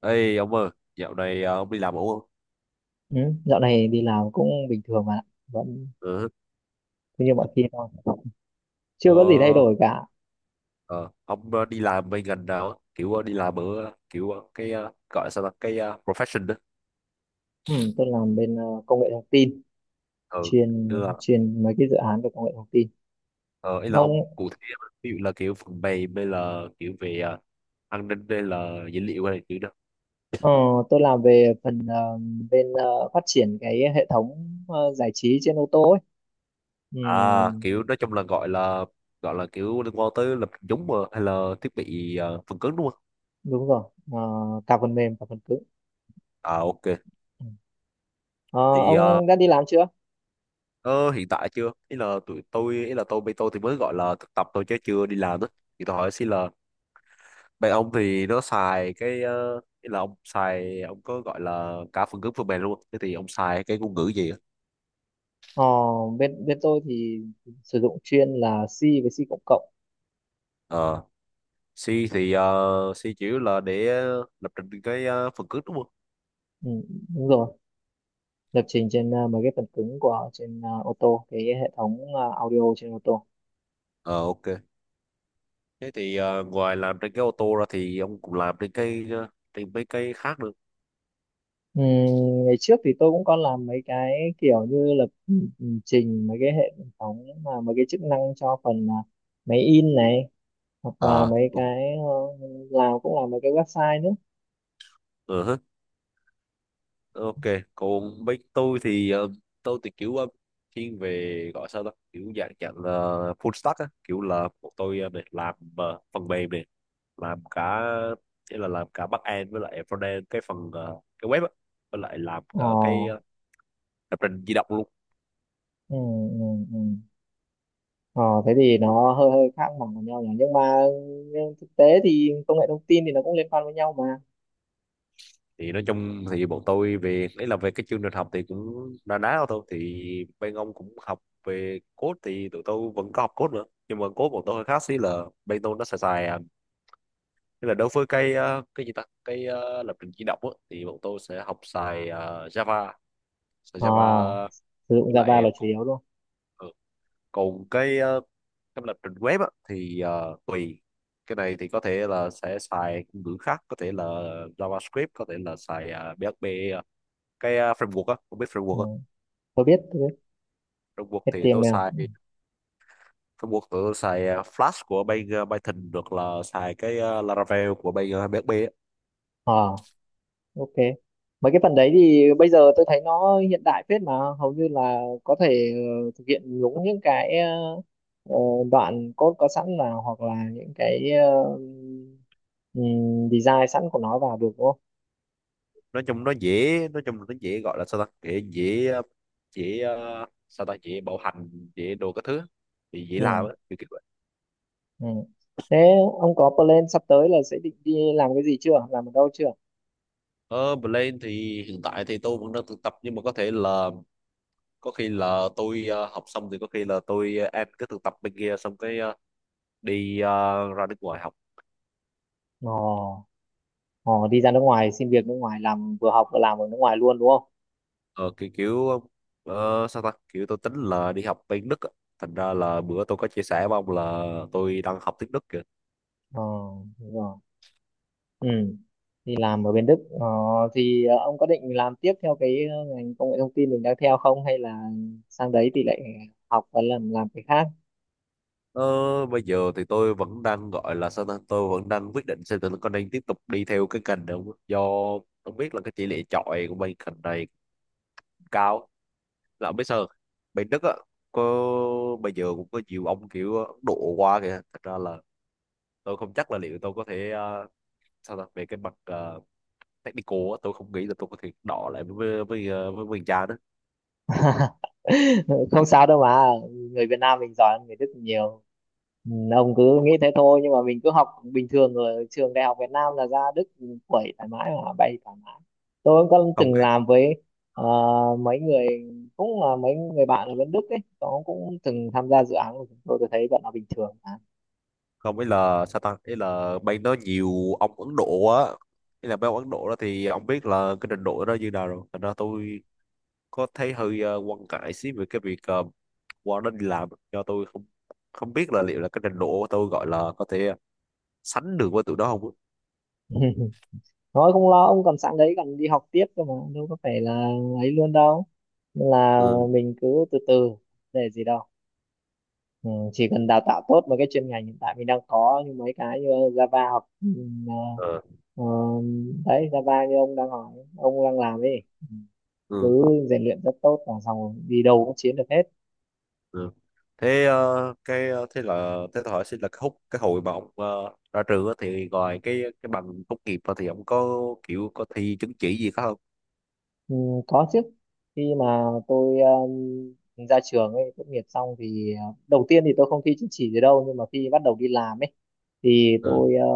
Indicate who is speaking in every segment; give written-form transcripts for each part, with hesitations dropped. Speaker 1: Ê ông ơi, dạo này ông đi làm ổn không?
Speaker 2: Ừ, dạo này đi làm cũng bình thường mà vẫn
Speaker 1: Ừ.
Speaker 2: cứ như mọi khi thôi,
Speaker 1: Ờ,
Speaker 2: chưa có gì thay đổi cả.
Speaker 1: ờ, ông đi làm bên ngành nào? Á? Kiểu đi làm ở kiểu cái gọi sao là cái profession đó.
Speaker 2: Ừ, tôi làm bên công nghệ thông tin,
Speaker 1: Ừ.
Speaker 2: chuyên
Speaker 1: Tức là
Speaker 2: chuyên mấy cái dự án về công nghệ thông tin.
Speaker 1: ờ, ý là
Speaker 2: Ông,
Speaker 1: ông cụ thể, ví dụ là kiểu phần mềm hay là kiểu về an ninh hay là dữ liệu hay là kiểu đó.
Speaker 2: ờ, tôi làm về phần bên phát triển cái hệ thống giải trí trên ô tô ấy. Ừ,
Speaker 1: À, kiểu nói chung là gọi là kiểu liên quan tới lập trình giống mà hay là thiết bị phần cứng đúng không?
Speaker 2: đúng rồi. Ờ, cả phần mềm cả phần cứng.
Speaker 1: À, ok.
Speaker 2: Ừ. Ờ,
Speaker 1: Thì
Speaker 2: ông đã đi làm chưa?
Speaker 1: Ờ, hiện tại chưa, ý là tụi tôi ý là tôi bây tôi thì mới gọi là thực tập thôi chứ chưa đi làm đó, thì tôi hỏi xin là bạn ông thì nó xài cái ý là ông xài ông có gọi là cả phần cứng phần mềm luôn, thế thì ông xài cái ngôn ngữ gì á?
Speaker 2: Ờ, bên bên tôi thì sử dụng chuyên là C với C cộng cộng.
Speaker 1: Ờ, C thì C chủ yếu là để lập trình cái phần cứng đúng không?
Speaker 2: Ừ, đúng rồi, lập trình trên mấy cái phần cứng của trên ô tô, cái hệ thống audio trên ô tô.
Speaker 1: Ờ, ok. Thế thì ngoài làm trên cái ô tô ra thì ông cũng làm trên cái trên mấy cái khác nữa.
Speaker 2: Ừm, ngày trước thì tôi cũng có làm mấy cái kiểu như lập trình mấy cái hệ thống, mà mấy cái chức năng cho phần máy in này, hoặc là
Speaker 1: Ờ.
Speaker 2: mấy cái làm cũng là mấy cái website nữa.
Speaker 1: Uh, ok. Còn bên tôi thì tôi thì kiểu thiên về gọi sao đó kiểu dạng dạng là full stack á, kiểu là bọn tôi này làm phần mềm này, làm cả, nghĩa là làm cả back end với lại front end cái phần cái web á, với lại làm
Speaker 2: ờ
Speaker 1: cả cái lập trình di động luôn.
Speaker 2: ừ, ừ, ừ. Ờ Thế thì nó hơi hơi khác hẳn với nhau nhỉ, nhưng mà nhưng thực tế thì công nghệ thông tin thì nó cũng liên quan với nhau mà.
Speaker 1: Thì nói chung thì bọn tôi về đấy là về cái chương trình học thì cũng na ná thôi, thì bên ông cũng học về code thì tụi tôi vẫn có học code nữa, nhưng mà code bọn tôi hơi khác xí là bên tôi nó xài xài à, nên là đối với cái cái gì ta cái lập trình di động á, thì bọn tôi sẽ học xài Java. Xài Java
Speaker 2: ờ Sử dụng
Speaker 1: với
Speaker 2: Java là
Speaker 1: lại
Speaker 2: chủ
Speaker 1: còn,
Speaker 2: yếu luôn.
Speaker 1: ừ, còn cái cái lập trình web á, thì tùy, cái này thì có thể là sẽ xài ngôn ngữ khác, có thể là JavaScript, có thể là xài PHP. ờ, cái framework á, không biết framework
Speaker 2: Ừ,
Speaker 1: không?
Speaker 2: tôi biết
Speaker 1: Framework thì tôi
Speaker 2: HTML.
Speaker 1: xài, framework tụi tôi xài Flash của bên Python, được là xài cái Laravel của bên PHP.
Speaker 2: ờ ok, mấy cái phần đấy thì bây giờ tôi thấy nó hiện đại phết mà, hầu như là có thể thực hiện nhúng những cái ờ, đoạn code có sẵn, là hoặc là những cái design sẵn của nó vào được đúng không?
Speaker 1: Nói chung nó dễ, nói chung là nó dễ, gọi là sao ta, dễ dễ ờ, dễ sao ta dễ bảo hành, dễ đồ các thứ thì dễ
Speaker 2: ừ,
Speaker 1: làm á, kiểu kiểu vậy.
Speaker 2: ừ. Thế ông có plan sắp tới là sẽ định đi làm cái gì chưa, làm ở đâu chưa?
Speaker 1: Ờ, Blend thì hiện tại thì tôi vẫn đang thực tập, nhưng mà có thể là có khi là tôi học xong thì có khi là tôi em cứ thực tập bên kia xong cái đi ra nước ngoài học.
Speaker 2: Ồ. Ồ, đi ra nước ngoài xin việc, nước ngoài làm, vừa học vừa làm ở nước ngoài luôn đúng không?
Speaker 1: Ờ, kiểu kiểu sao ta, kiểu tôi tính là đi học bên Đức á. Thành ra là bữa tôi có chia sẻ với ông là tôi đang học tiếng Đức kìa.
Speaker 2: ờ Đúng rồi. Ừ. Thì làm ở bên Đức, thì ông có định làm tiếp theo cái ngành công nghệ thông tin mình đang theo không, hay là sang đấy thì lại học và làm cái khác?
Speaker 1: Ờ, bây giờ thì tôi vẫn đang gọi là sao ta, tôi vẫn đang quyết định xem tôi có nên tiếp tục đi theo cái ngành này không, do tôi biết là cái tỷ lệ chọi của bên ngành này cũng cao, là không biết sao, bên Đức á, có, bây giờ cũng có nhiều ông kiểu Ấn Độ qua kìa, thật ra là tôi không chắc là liệu tôi có thể sao ta về cái mặt technical á, tôi không nghĩ là tôi có thể đọ lại với mình cha đó.
Speaker 2: Không sao đâu mà, người Việt Nam mình giỏi hơn người Đức nhiều. Ừ, ông cứ nghĩ thế thôi, nhưng mà mình cứ học bình thường ở trường đại học Việt Nam là ra Đức quẩy thoải mái mà, bay thoải mái. Tôi cũng có
Speaker 1: Không,
Speaker 2: từng làm với ờ, mấy người, cũng là mấy người bạn ở bên Đức ấy, nó cũng từng tham gia dự án của chúng tôi thấy bọn nó bình thường mà.
Speaker 1: không, ý là sao ta, ý là bên đó nhiều ông Ấn Độ á, ý là mấy ông Ấn Độ đó thì ông biết là cái trình độ đó như nào rồi, thành ra tôi có thấy hơi quan ngại xí về cái việc qua đó đi làm, do tôi không không biết là liệu là cái trình độ của tôi gọi là có thể sánh được với tụi đó không á.
Speaker 2: Thôi không lo, ông còn sẵn đấy, còn đi học tiếp cơ mà, đâu có phải là ấy luôn đâu. Nên là
Speaker 1: Ừ.
Speaker 2: mình cứ từ từ, để gì đâu. Ừ, chỉ cần đào tạo tốt mấy cái chuyên ngành hiện tại mình đang có, như mấy cái như Java hoặc
Speaker 1: Ờ,
Speaker 2: ờ, đấy, Java như ông đang hỏi, ông đang làm ấy,
Speaker 1: ừ.
Speaker 2: cứ rèn luyện rất tốt là xong, rồi đi đâu cũng chiến được hết.
Speaker 1: Ừ. Thế cái thế là thế tôi hỏi xin là cái hút cái hồi mà ông ra trường á, thì ngoài cái bằng tốt nghiệp ra thì ông có kiểu có thi chứng chỉ gì khác không?
Speaker 2: Ừ, có chứ, khi mà tôi ra trường ấy, tốt nghiệp xong thì đầu tiên thì tôi không thi chứng chỉ gì đâu, nhưng mà khi bắt đầu đi làm ấy thì
Speaker 1: Ừ.
Speaker 2: tôi ờ,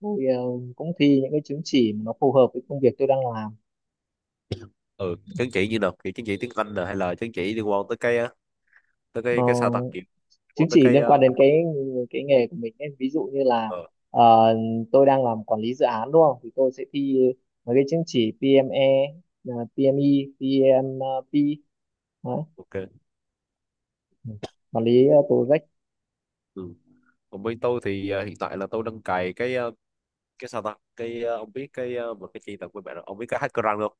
Speaker 2: tôi ờ, cũng thi những cái chứng chỉ mà nó phù hợp với công việc tôi đang làm.
Speaker 1: Ừ, chứng chỉ như nào, kiểu chứng chỉ tiếng Anh nè hay là chứng chỉ liên quan tới cái tới
Speaker 2: Ờ,
Speaker 1: cái sao ta kiểu liên quan
Speaker 2: chứng
Speaker 1: tới
Speaker 2: chỉ
Speaker 1: cái
Speaker 2: liên quan đến cái nghề của mình ấy. Ví dụ như là
Speaker 1: ờ,
Speaker 2: ờ, tôi đang làm quản lý dự án đúng không, thì tôi sẽ thi mấy cái chứng chỉ PME, PME, PMP đó.
Speaker 1: ok.
Speaker 2: Quản lý tổ.
Speaker 1: Ừ. Còn bên tôi thì hiện tại là tôi đang cài cái cái sao ta cái ông biết cái một cái chi tập của bạn, ông biết cái hackerrank không?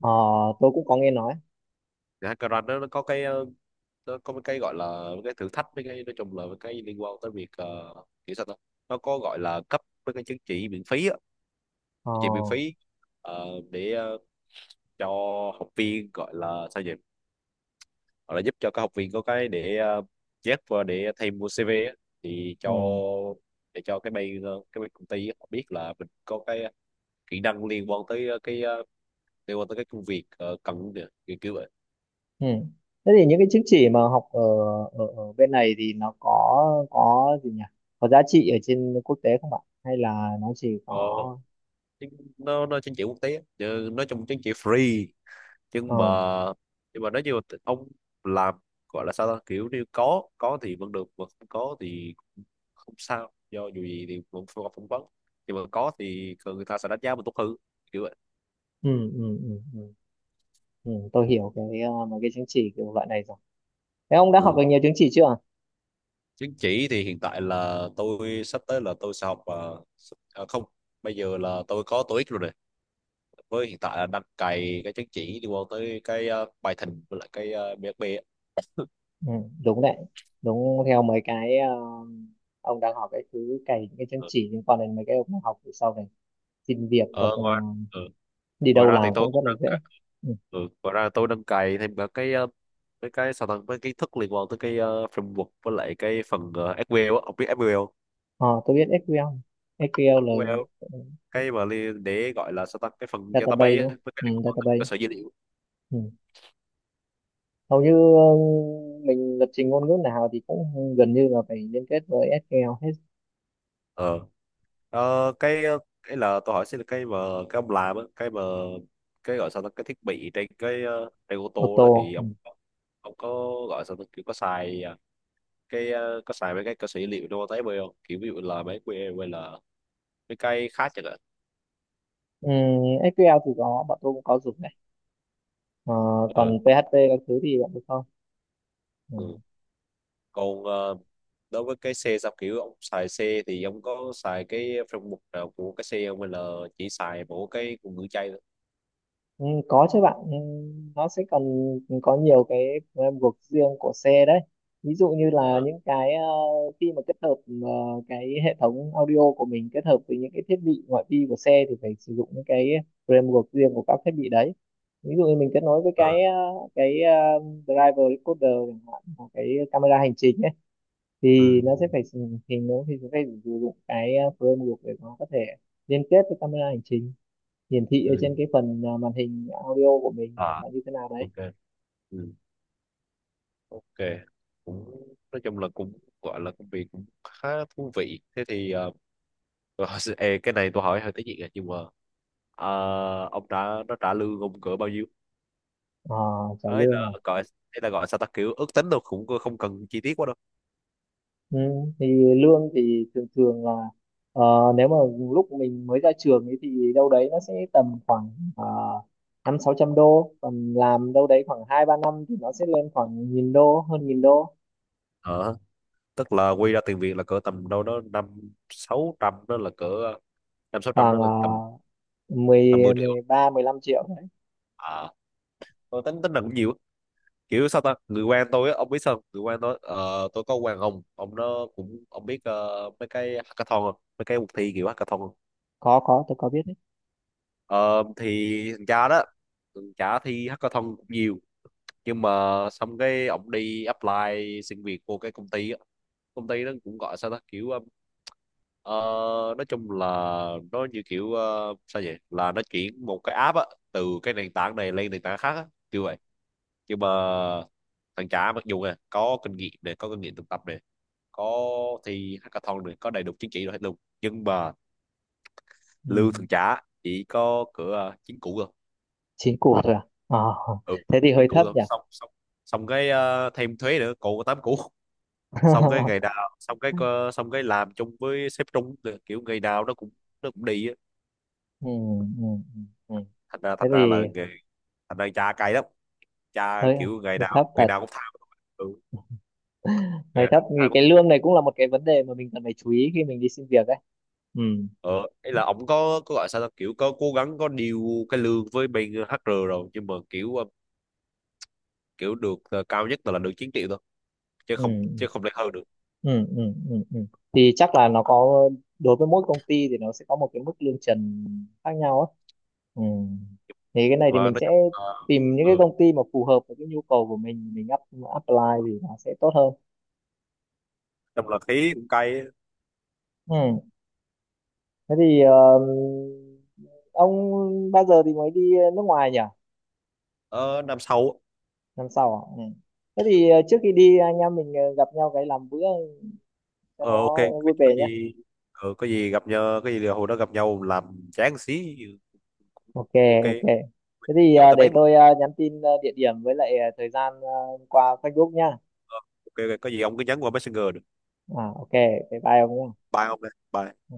Speaker 2: Ờ, tôi cũng có nghe nói.
Speaker 1: Thì hackerrank nó có cái nó có một cái gọi là một cái thử thách, với cái nói chung là một cái liên quan tới việc kiểu sao ta nó có gọi là cấp với cái chứng chỉ miễn phí á,
Speaker 2: Ờ,
Speaker 1: chứng chỉ miễn phí để cho học viên, gọi là sao nhỉ, hoặc là giúp cho các học viên có cái để chép vào để thay mua CV á, thì cho,
Speaker 2: ừ,
Speaker 1: để cho cái bên cái bên công ty họ biết là mình có cái kỹ năng liên quan tới cái liên quan tới cái công việc cần kìa, kiểu kiểu vậy.
Speaker 2: ừ. Thế thì những cái chứng chỉ mà học ở, ở, bên này thì nó có gì nhỉ? Có giá trị ở trên quốc tế không bạn? Hay là nó chỉ có
Speaker 1: Ờ, chứ nó chứng chỉ quốc tế á, chứ nói chung chứng chỉ free. Nhưng mà,
Speaker 2: ừ,
Speaker 1: nhưng mà nói như là ông làm gọi là sao ta, kiểu như có thì vẫn được mà không có thì cũng không sao, do dù gì thì cũng không phỏng vấn, nhưng mà có thì người ta sẽ đánh giá mình tốt hơn, kiểu vậy.
Speaker 2: ừ, ừ, ừ, ừ. Ừ, tôi hiểu mấy cái chứng chỉ kiểu loại này rồi. Thế ông đã học
Speaker 1: Ừ,
Speaker 2: được nhiều chứng chỉ chưa?
Speaker 1: chứng chỉ thì hiện tại là tôi sắp tới là tôi sẽ học không, bây giờ là tôi có TOEIC rồi này, với hiện tại là đang cày cái chứng chỉ liên quan tới cái bài thỉnh với lại cái BSB á.
Speaker 2: Ừ, đúng đấy. Đúng theo mấy cái, ông đang học cái thứ cày những cái chứng
Speaker 1: Ừ.
Speaker 2: chỉ liên quan đến mấy cái ông học để sau này xin việc, hoặc
Speaker 1: Ờ, ngoài, ừ,
Speaker 2: đi
Speaker 1: ngoài
Speaker 2: đâu
Speaker 1: ra thì
Speaker 2: làm
Speaker 1: tôi
Speaker 2: cũng rất
Speaker 1: cũng
Speaker 2: là
Speaker 1: đang
Speaker 2: dễ.
Speaker 1: cày,
Speaker 2: Ừ.
Speaker 1: ừ, ngoài ra tôi đang cày thêm cả cái cái sao ta với kiến thức liên quan tới cái framework với lại cái phần SQL á. Ông biết SQL không?
Speaker 2: Ờ, tôi biết SQL. SQL là
Speaker 1: SQL
Speaker 2: ừ,
Speaker 1: cái mà li- để gọi là sao ta cái phần
Speaker 2: database
Speaker 1: database
Speaker 2: đúng
Speaker 1: á,
Speaker 2: không?
Speaker 1: với cái liên
Speaker 2: Ừ,
Speaker 1: quan tới cơ
Speaker 2: database.
Speaker 1: sở dữ liệu.
Speaker 2: Ừ. Hầu như ờ, mình lập trình ngôn ngữ nào thì cũng gần như là phải liên kết với SQL hết.
Speaker 1: Ờ. Ờ, cái cái là tôi hỏi xin là cái mà cái ông làm á, cái mà cái gọi sao ta cái thiết bị trên cái trên ô tô đó
Speaker 2: Auto.
Speaker 1: thì
Speaker 2: Ừ.
Speaker 1: ông có gọi sao ta kiểu có xài à, cái có xài mấy cái cơ sở dữ liệu đâu tới bây không, kiểu ví dụ là mấy que hay là mấy cái khác chẳng hạn.
Speaker 2: Ừ, SQL thì có, bọn tôi cũng có dùng này. Ờ,
Speaker 1: Ừ,
Speaker 2: còn PHP các thứ thì bọn tôi không. Ừ.
Speaker 1: ừ. Còn đối với cái xe sao, kiểu ông xài xe thì ông có xài cái phần mục nào của cái xe không hay là chỉ xài mỗi cái ngữ chay thôi.
Speaker 2: Ừ, có chứ bạn. Ừ, nó sẽ còn có nhiều cái guộc riêng của xe đấy, ví dụ như
Speaker 1: Ờ.
Speaker 2: là những cái khi mà kết hợp ờ, cái hệ thống audio của mình kết hợp với những cái thiết bị ngoại vi của xe thì phải sử dụng những cái framework riêng của các thiết bị đấy. Ví dụ như mình kết nối với
Speaker 1: Ừ.
Speaker 2: cái driver recorder chẳng hạn, hoặc cái camera hành trình ấy, thì
Speaker 1: Ừ.
Speaker 2: nó sẽ phải sử- thì nó thì sẽ phải sử dụng cái framework để nó có thể liên kết với camera hành trình, hiển thị ở
Speaker 1: Ừ.
Speaker 2: trên cái phần màn hình audio của mình, hoặc
Speaker 1: À,
Speaker 2: là như thế nào đấy.
Speaker 1: ok. Ừ. Ok, cũng nói chung là cũng gọi là công việc cũng khá thú vị. Thế thì ê, cái này tôi hỏi hơi tế nhị à, nhưng mà ờ, ông đã nó trả lương ông cỡ bao nhiêu?
Speaker 2: À, trả
Speaker 1: Ấy
Speaker 2: lương
Speaker 1: là
Speaker 2: à?
Speaker 1: gọi, ấy là gọi sao ta kiểu ước tính đâu cũng không cần chi tiết quá đâu.
Speaker 2: Ừ, thì lương thì thường thường là ờ, nếu mà lúc mình mới ra trường ấy thì đâu đấy nó sẽ tầm khoảng năm sáu trăm đô, còn làm đâu đấy khoảng hai ba năm thì nó sẽ lên khoảng 1000 đô, hơn 1000 đô.
Speaker 1: Ờ, tức là quy ra tiền Việt là cỡ tầm đâu đó 5 6 trăm, đó là cỡ năm sáu trăm, đó
Speaker 2: Khoảng
Speaker 1: là tầm, tầm 10
Speaker 2: mười,
Speaker 1: triệu
Speaker 2: 13, mười 15 triệu đấy.
Speaker 1: à, tôi tính tính là cũng nhiều, kiểu sao ta người quen tôi á, ông biết sao người quen tôi tôi có quen ông nó cũng, ông biết mấy cái hackathon không, mấy cái cuộc thi kiểu hackathon không?
Speaker 2: Có tôi có biết đấy.
Speaker 1: Ờ, thì thằng cha đó, thằng cha thi hackathon cũng nhiều, nhưng mà xong cái ông đi apply xin việc vô cái công ty á, công ty nó cũng gọi sao ta kiểu ờ, nói chung là nó như kiểu sao vậy là nó chuyển một cái app á từ cái nền tảng này lên nền tảng khác á kiểu vậy. Nhưng mà thằng chả mặc dù nè có kinh nghiệm này có kinh nghiệm thực tập, có thi hackathon được, có đầy đủ chứng chỉ rồi hết luôn, nhưng mà
Speaker 2: Ừ.
Speaker 1: lương thường trả chỉ có cửa chính cũ thôi.
Speaker 2: Chín củ thôi à? Ờ,
Speaker 1: Ừ,
Speaker 2: thế thì
Speaker 1: chính
Speaker 2: hơi
Speaker 1: cũ
Speaker 2: thấp
Speaker 1: thôi,
Speaker 2: nhỉ.
Speaker 1: xong xong, xong cái thêm thuế nữa cũ tám cũ. Xong cái ngày nào xong cái xong cái làm chung với sếp trung nữa. Kiểu ngày nào nó cũng đi á,
Speaker 2: ừ, ừ, ừ. ừ. Thế
Speaker 1: thành ra
Speaker 2: thì
Speaker 1: là nghề, thành ra cha cay lắm, cha
Speaker 2: hơi
Speaker 1: kiểu
Speaker 2: hơi thấp
Speaker 1: ngày
Speaker 2: thật.
Speaker 1: nào cũng thao. Ừ, ngày
Speaker 2: Hơi thấp
Speaker 1: nào cũng thao.
Speaker 2: vì cái lương này cũng là một cái vấn đề mà mình cần phải chú ý khi mình đi xin việc ấy. ừ
Speaker 1: Ờ, ấy là ổng có gọi sao ta kiểu có cố gắng có điều cái lương với bên HR rồi, nhưng mà kiểu kiểu được cao nhất là được 9 triệu thôi, chứ không,
Speaker 2: ừ
Speaker 1: chứ không lên hơn được.
Speaker 2: ừ ừ ừ ừ thì chắc là nó có, đối với mỗi công ty thì nó sẽ có một cái mức lương trần khác nhau ấy. Ừ, thì cái này thì
Speaker 1: Và
Speaker 2: mình
Speaker 1: nói
Speaker 2: sẽ
Speaker 1: chung là,
Speaker 2: tìm những cái
Speaker 1: ừ,
Speaker 2: công ty mà phù hợp với cái nhu cầu của mình apply thì nó sẽ tốt hơn.
Speaker 1: trong là khí cũng cay á.
Speaker 2: Ừ, thế thì ông bao giờ thì mới đi nước ngoài nhỉ?
Speaker 1: Ờ, năm sau.
Speaker 2: Năm sau à? Ừ. Thế thì trước khi đi anh em mình gặp nhau cái làm bữa cho
Speaker 1: Ờ, ok,
Speaker 2: nó vui
Speaker 1: có
Speaker 2: vẻ nhé.
Speaker 1: gì có gì gặp nhau, có gì là hồi đó gặp nhau làm chán xí
Speaker 2: Ok,
Speaker 1: cũng ok,
Speaker 2: ok, thế thì
Speaker 1: chỗ tới
Speaker 2: để
Speaker 1: bấy luôn.
Speaker 2: tôi nhắn tin địa điểm với lại thời gian qua Facebook nhá.
Speaker 1: Ờ, ok ok, có gì ông cứ nhắn qua Messenger được.
Speaker 2: À, ok, bye bye ông nhé.
Speaker 1: Bye ông đây, bye.